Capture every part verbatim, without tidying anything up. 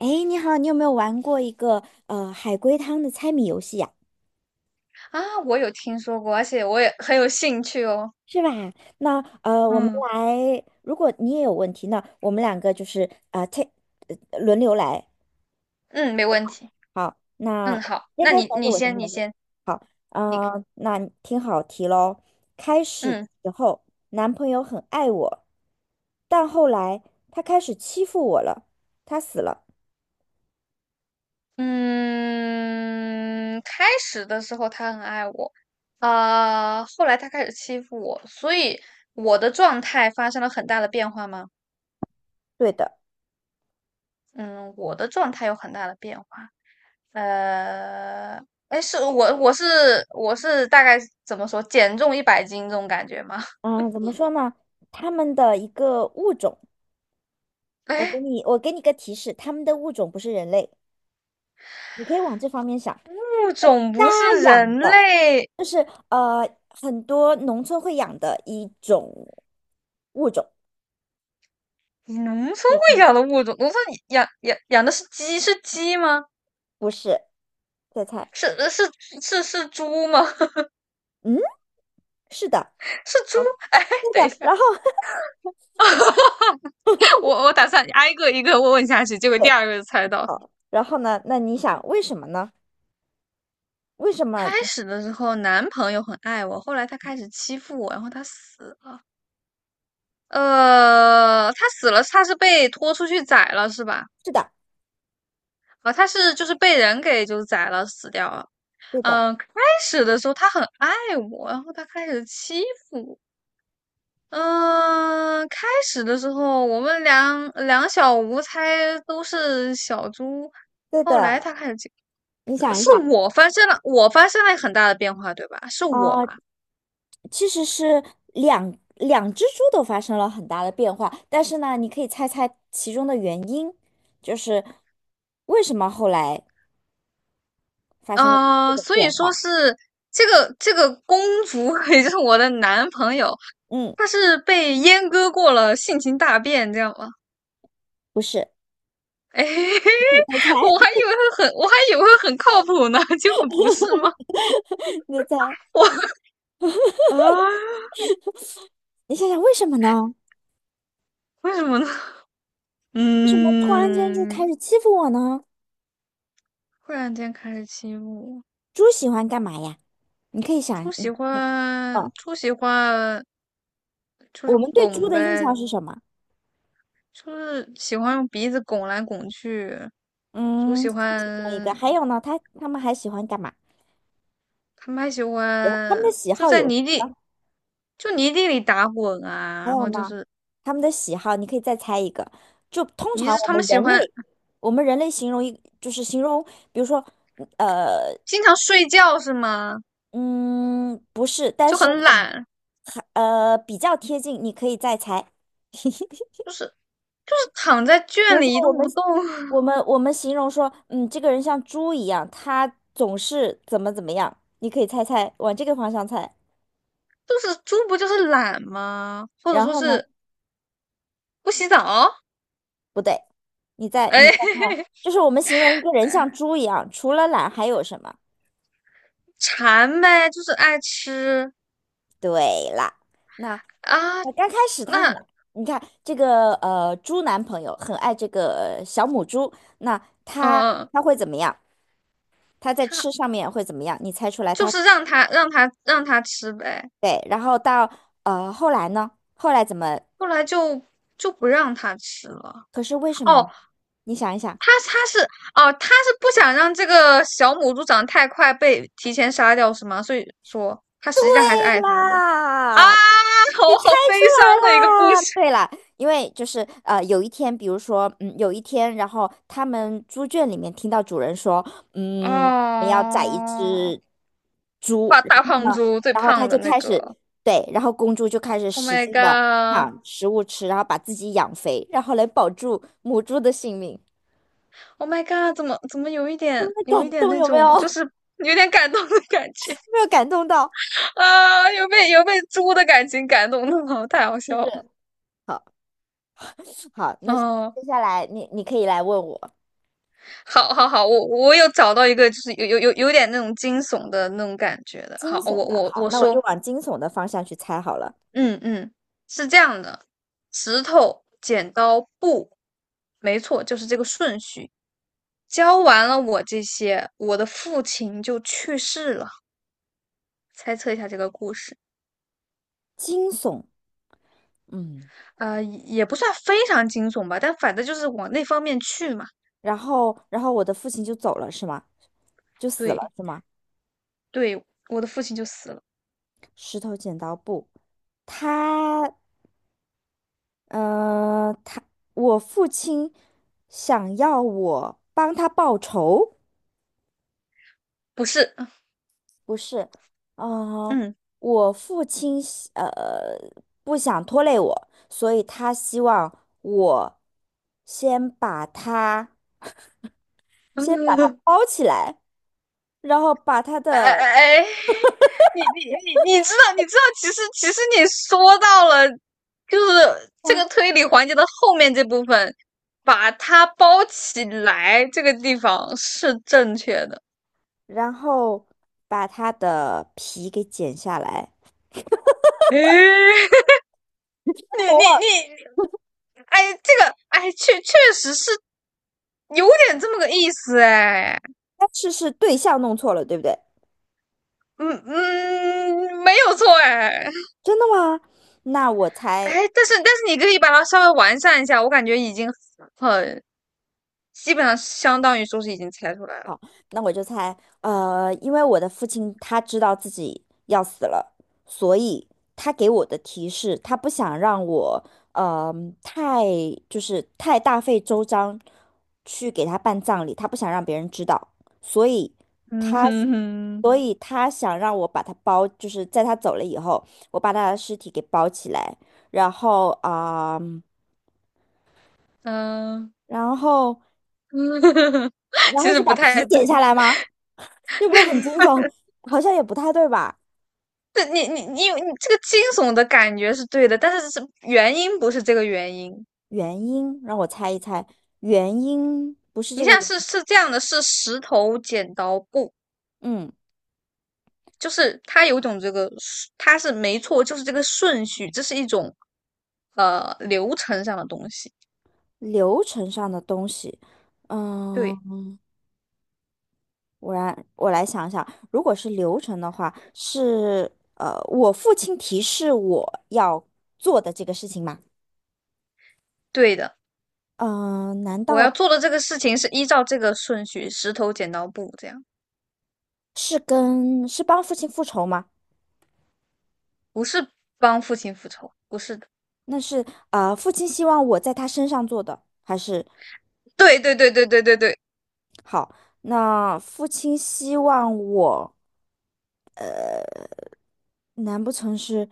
哎，你好，你有没有玩过一个呃海龟汤的猜谜游戏呀、啊，我有听说过，而且我也很有兴趣哦。是吧？那呃，我们嗯。来，如果你也有问题，那我们两个就是呃 t 轮流来。嗯，没问题。好，那嗯，好，先那开始你还是你我先先，开你始？先，你呃，那听好题喽。开始的嗯时候，男朋友很爱我，但后来他开始欺负我了，他死了。嗯，开始的时候他很爱我，啊、后来他开始欺负我，所以我的状态发生了很大的变化吗？对的，嗯，我的状态有很大的变化。呃，哎，是我我是我是大概怎么说，减重一百斤这种感觉吗？嗯、怎么说呢？他们的一个物种。我给哎，你，我给你个提示，他们的物种不是人类，你可以往这方面想。物种家不是养人的，类，就是呃，很多农村会养的一种物种，你农村会养的物种，农村养养养的是鸡，是鸡吗？不是？再猜，是是是是猪吗？嗯，是的，是猪？好，哎，对等一的。下，然后，我我打算挨个一个问下去，结果第对，二个就猜到。好，然后呢？那你想为什么呢？为什开么？始的时候男朋友很爱我，后来他开始欺负我，然后他死了。呃，他死了，他是被拖出去宰了是吧？是的，啊，呃他是就是被人给就宰了死掉了。对的，嗯，呃开始的时候他很爱我，然后他开始欺负我。嗯，开始的时候我们两两小无猜都是小猪，对后来的。他开始欺你呃想一是想，我发生了，我发生了很大的变化，对吧？是我啊、吧？其实是两两只猪都发生了很大的变化，但是呢，你可以猜猜其中的原因，就是为什么后来发生了这呃，个所变以说化？是这个这个公主，也就是我的男朋友，嗯，他是被阉割过了，性情大变，这样吗？不是，哎，你猜 我猜，还以为会很，我还以为会很靠谱呢，结果不是吗？你再猜，我啊，你想想为什么呢？为什么呢？为什么突然间就嗯，开始欺负我呢？忽然间开始欺负我。猪喜欢干嘛呀？你可以想，猪喜嗯，欢，哦，猪喜欢就我是们对猪拱的印象呗，是什么？就是喜欢用鼻子拱来拱去。猪嗯，喜是其中一个，欢，还有呢，它它们还喜欢干嘛？他们还喜它们的欢喜就好在有什泥么？地，就泥地里打滚啊。还然有后就呢，是，他们的喜好，你可以再猜一个。就通你常是我他们们喜人欢类，我们人类形容一就是形容，比如说，呃，经常睡觉是吗？嗯，不是，但就是很很，懒，很呃，比较贴近，你可以再猜。就是就是躺在比圈如说，里一我动们不动。我 们我们形容说，嗯，这个人像猪一样，他总是怎么怎么样，你可以猜猜，往这个方向猜。就是猪不就是懒吗？或者然说后呢，是不洗澡？不对，你再哎，你再看，就是我们形容一个人像哎猪一样，除了懒还有什么？馋呗，就是爱吃对啦，那啊。呃刚开始他很，那你看这个呃猪男朋友很爱这个呃小母猪，那他呃，他会怎么样？他在他吃上面会怎么样？你猜出来就他是让他让他让他吃呗，对，然后到呃后来呢？后来怎么？后来就就不让他吃了。可是为什么呢？哦，你想一想，他他是哦，他是不想让这个小母猪长太快被提前杀掉是吗？所以说他对实际上还是爱他的啊，啦，好好悲出来伤的一个故啦，事对啦，因为就是呃，有一天，比如说，嗯，有一天，然后他们猪圈里面听到主人说，嗯，我们要宰一哦。只猪，大然大后胖呢，猪最然后他胖的就那开个始，对，然后公猪就开始，Oh 使 my 劲的 god！抢食物吃，然后把自己养肥，然后来保住母猪的性命。Oh my god，怎么怎么有一点那有一感点动那有没有？种，就有是有点感动的感觉。 没有感动到，啊，有被有被猪的感情感动好，太好是笑不了。是？好，好，那接哦，下来你你可以来问我好，好，好，我我有找到一个，就是有有有有点那种惊悚的那种感觉的。惊好，我悚的，我好，我那我就说，往惊悚的方向去猜好了。嗯嗯，是这样的，石头、剪刀、布，没错，就是这个顺序。教完了我这些，我的父亲就去世了。猜测一下这个故事。惊悚，嗯，呃，也不算非常惊悚吧，但反正就是往那方面去嘛。然后然后我的父亲就走了是吗？就死了对是吗？对，我的父亲就死了，石头剪刀布，他，嗯，他，我父亲想要我帮他报仇，不是，不是，嗯，嗯，我父亲希呃不想拖累我，所以他希望我先把他 先把他 包起来，然后把他哎的。哎哎，你你你你知道你知道，其实其实你说到了，就是这个推理环节的后面这部分，把它包起来，这个地方是正确的。然后把它的皮给剪下来。哎，你我你忘你，了，哎，这个哎，确确实是有点这么个意思哎。但是是对象弄错了，对不对？嗯嗯，没有错哎真的吗？那我哎，猜，但是但是你可以把它稍微完善一下，我感觉已经很基本上相当于说是已经猜出来了。好，那我就猜，呃，因为我的父亲他知道自己要死了，所以他给我的提示，他不想让我，呃，太就是太大费周章去给他办葬礼，他不想让别人知道，所以。嗯他。哼哼，所以他想让我把他包，就是在他走了以后，我把他的尸体给包起来，然后啊、嗯，然后嗯 然其后实是不把皮太对。剪下来吗？这不是很惊悚？好像也不太对吧？这你你你有你这个惊悚的感觉是对的，但是是原因不是这个原因。原因让我猜一猜，原因不是你这现个在原，是是这样的，是石头剪刀布，嗯，就是它有一种这个顺，它是没错，就是这个顺序，这是一种呃流程上的东西。流程上的东西，嗯，对，我来我来想想，如果是流程的话，是呃，我父亲提示我要做的这个事情吗？对的，嗯、呃难我要道？做的这个事情是依照这个顺序，石头剪刀布这样，是跟是帮父亲复仇吗？不是帮父亲复仇，不是的。那是呃，父亲希望我在他身上做的，还是对对对对对对对，好？那父亲希望我，难不成是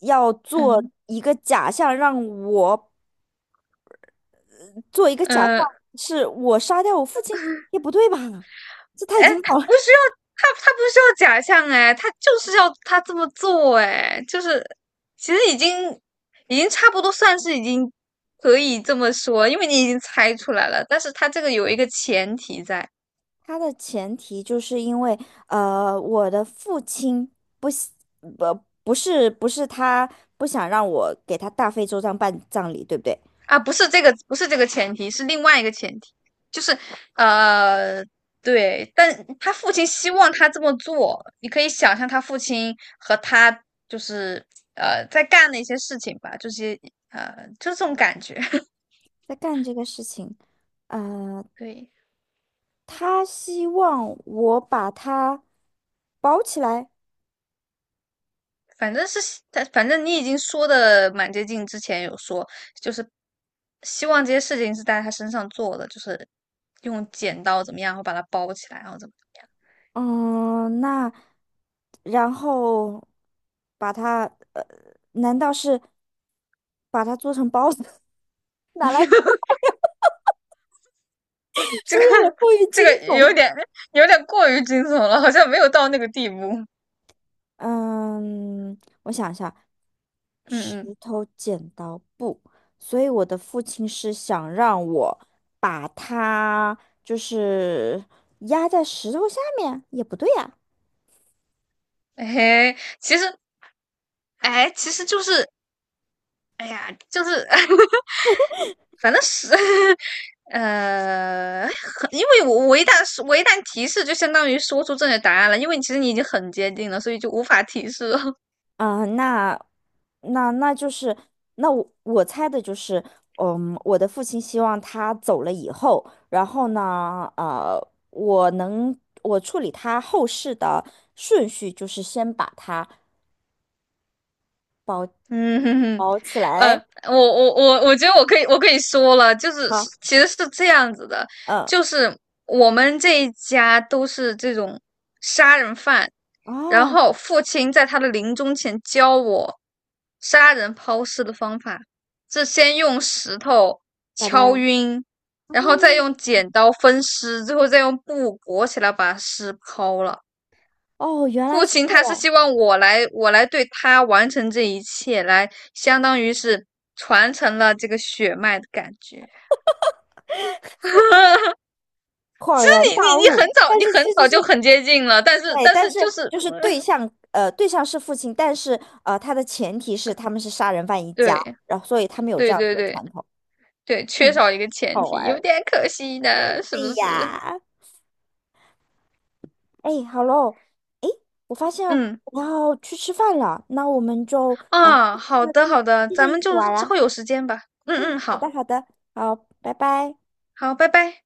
要做嗯一个假象，让我做一个假象，嗯，是我杀掉我父亲？也不对吧？这太哎、惊他悚不了。需要他他不需要假象哎，他就是要他这么做哎，就是其实已经已经差不多算是已经可以这么说，因为你已经猜出来了，但是他这个有一个前提在。他的前提就是因为呃，我的父亲不喜不不是不是他不想让我给他大费周章办葬礼，对不对？啊，不是这个，不是这个前提，是另外一个前提，就是呃，对，但他父亲希望他这么做，你可以想象他父亲和他就是呃在干的一些事情吧，就是呃就是这种感觉，在干这个事情，呃，对，他希望我把它包起来，反正是他，反正你已经说的蛮接近，之前有说就是希望这些事情是在他身上做的，就是用剪刀怎么样，然后把它包起来，然后怎么。嗯，那然后把它，呃，难道是把它做成包子 拿来，是 不是这个 有点 过于这惊个有悚？点有点过于惊悚了，好像没有到那个地步。嗯，我想一下，石嗯嗯，头剪刀布，所以我的父亲是想让我把它就是压在石头下面，也不对呀、哎，其实哎，其实就是哎呀，就是 反正是 呃，很因为我我一旦是我一旦提示，就相当于说出正确答案了，因为其实你已经很接近了，所以就无法提示了。啊，那那那就是那我我猜的就是，嗯，我的父亲希望他走了以后，然后呢，呃，我能我处理他后事的顺序就是先把他包嗯哼哼，包起呃，来我我我我觉得我可以我可以说了，就是啊，是其实是这样子的，嗯，就是我们这一家都是这种杀人犯，然哦，后父亲在他的临终前教我杀人抛尸的方法，是先用石头拜敲拜，晕，然后再哦用剪刀分尸，最后再用布裹起来把尸抛了。哦，原来父是亲这他是样。希望我来，我来对他完成这一切，来相当于是传承了这个血脉的感觉。就恍然是你你大你很悟，早，但你是很其实早就是很接近了，但是对，但但是是就是，就是对嗯象，呃，对象是父亲，但是呃，他的前提是他们是杀人犯一家，对然后所以他们有这对样子对的对传统。对，缺嗯，少一个前好玩提，有儿。点可惜的，是不对是？呀，哎，好喽，哎，我发现嗯我要去吃饭了，那我们就啊，呃啊，接好着的一好的，接着咱一们起就玩之啊，后有时间吧。嗯嗯，嗯，好好的，好的，好，拜拜。好，拜拜。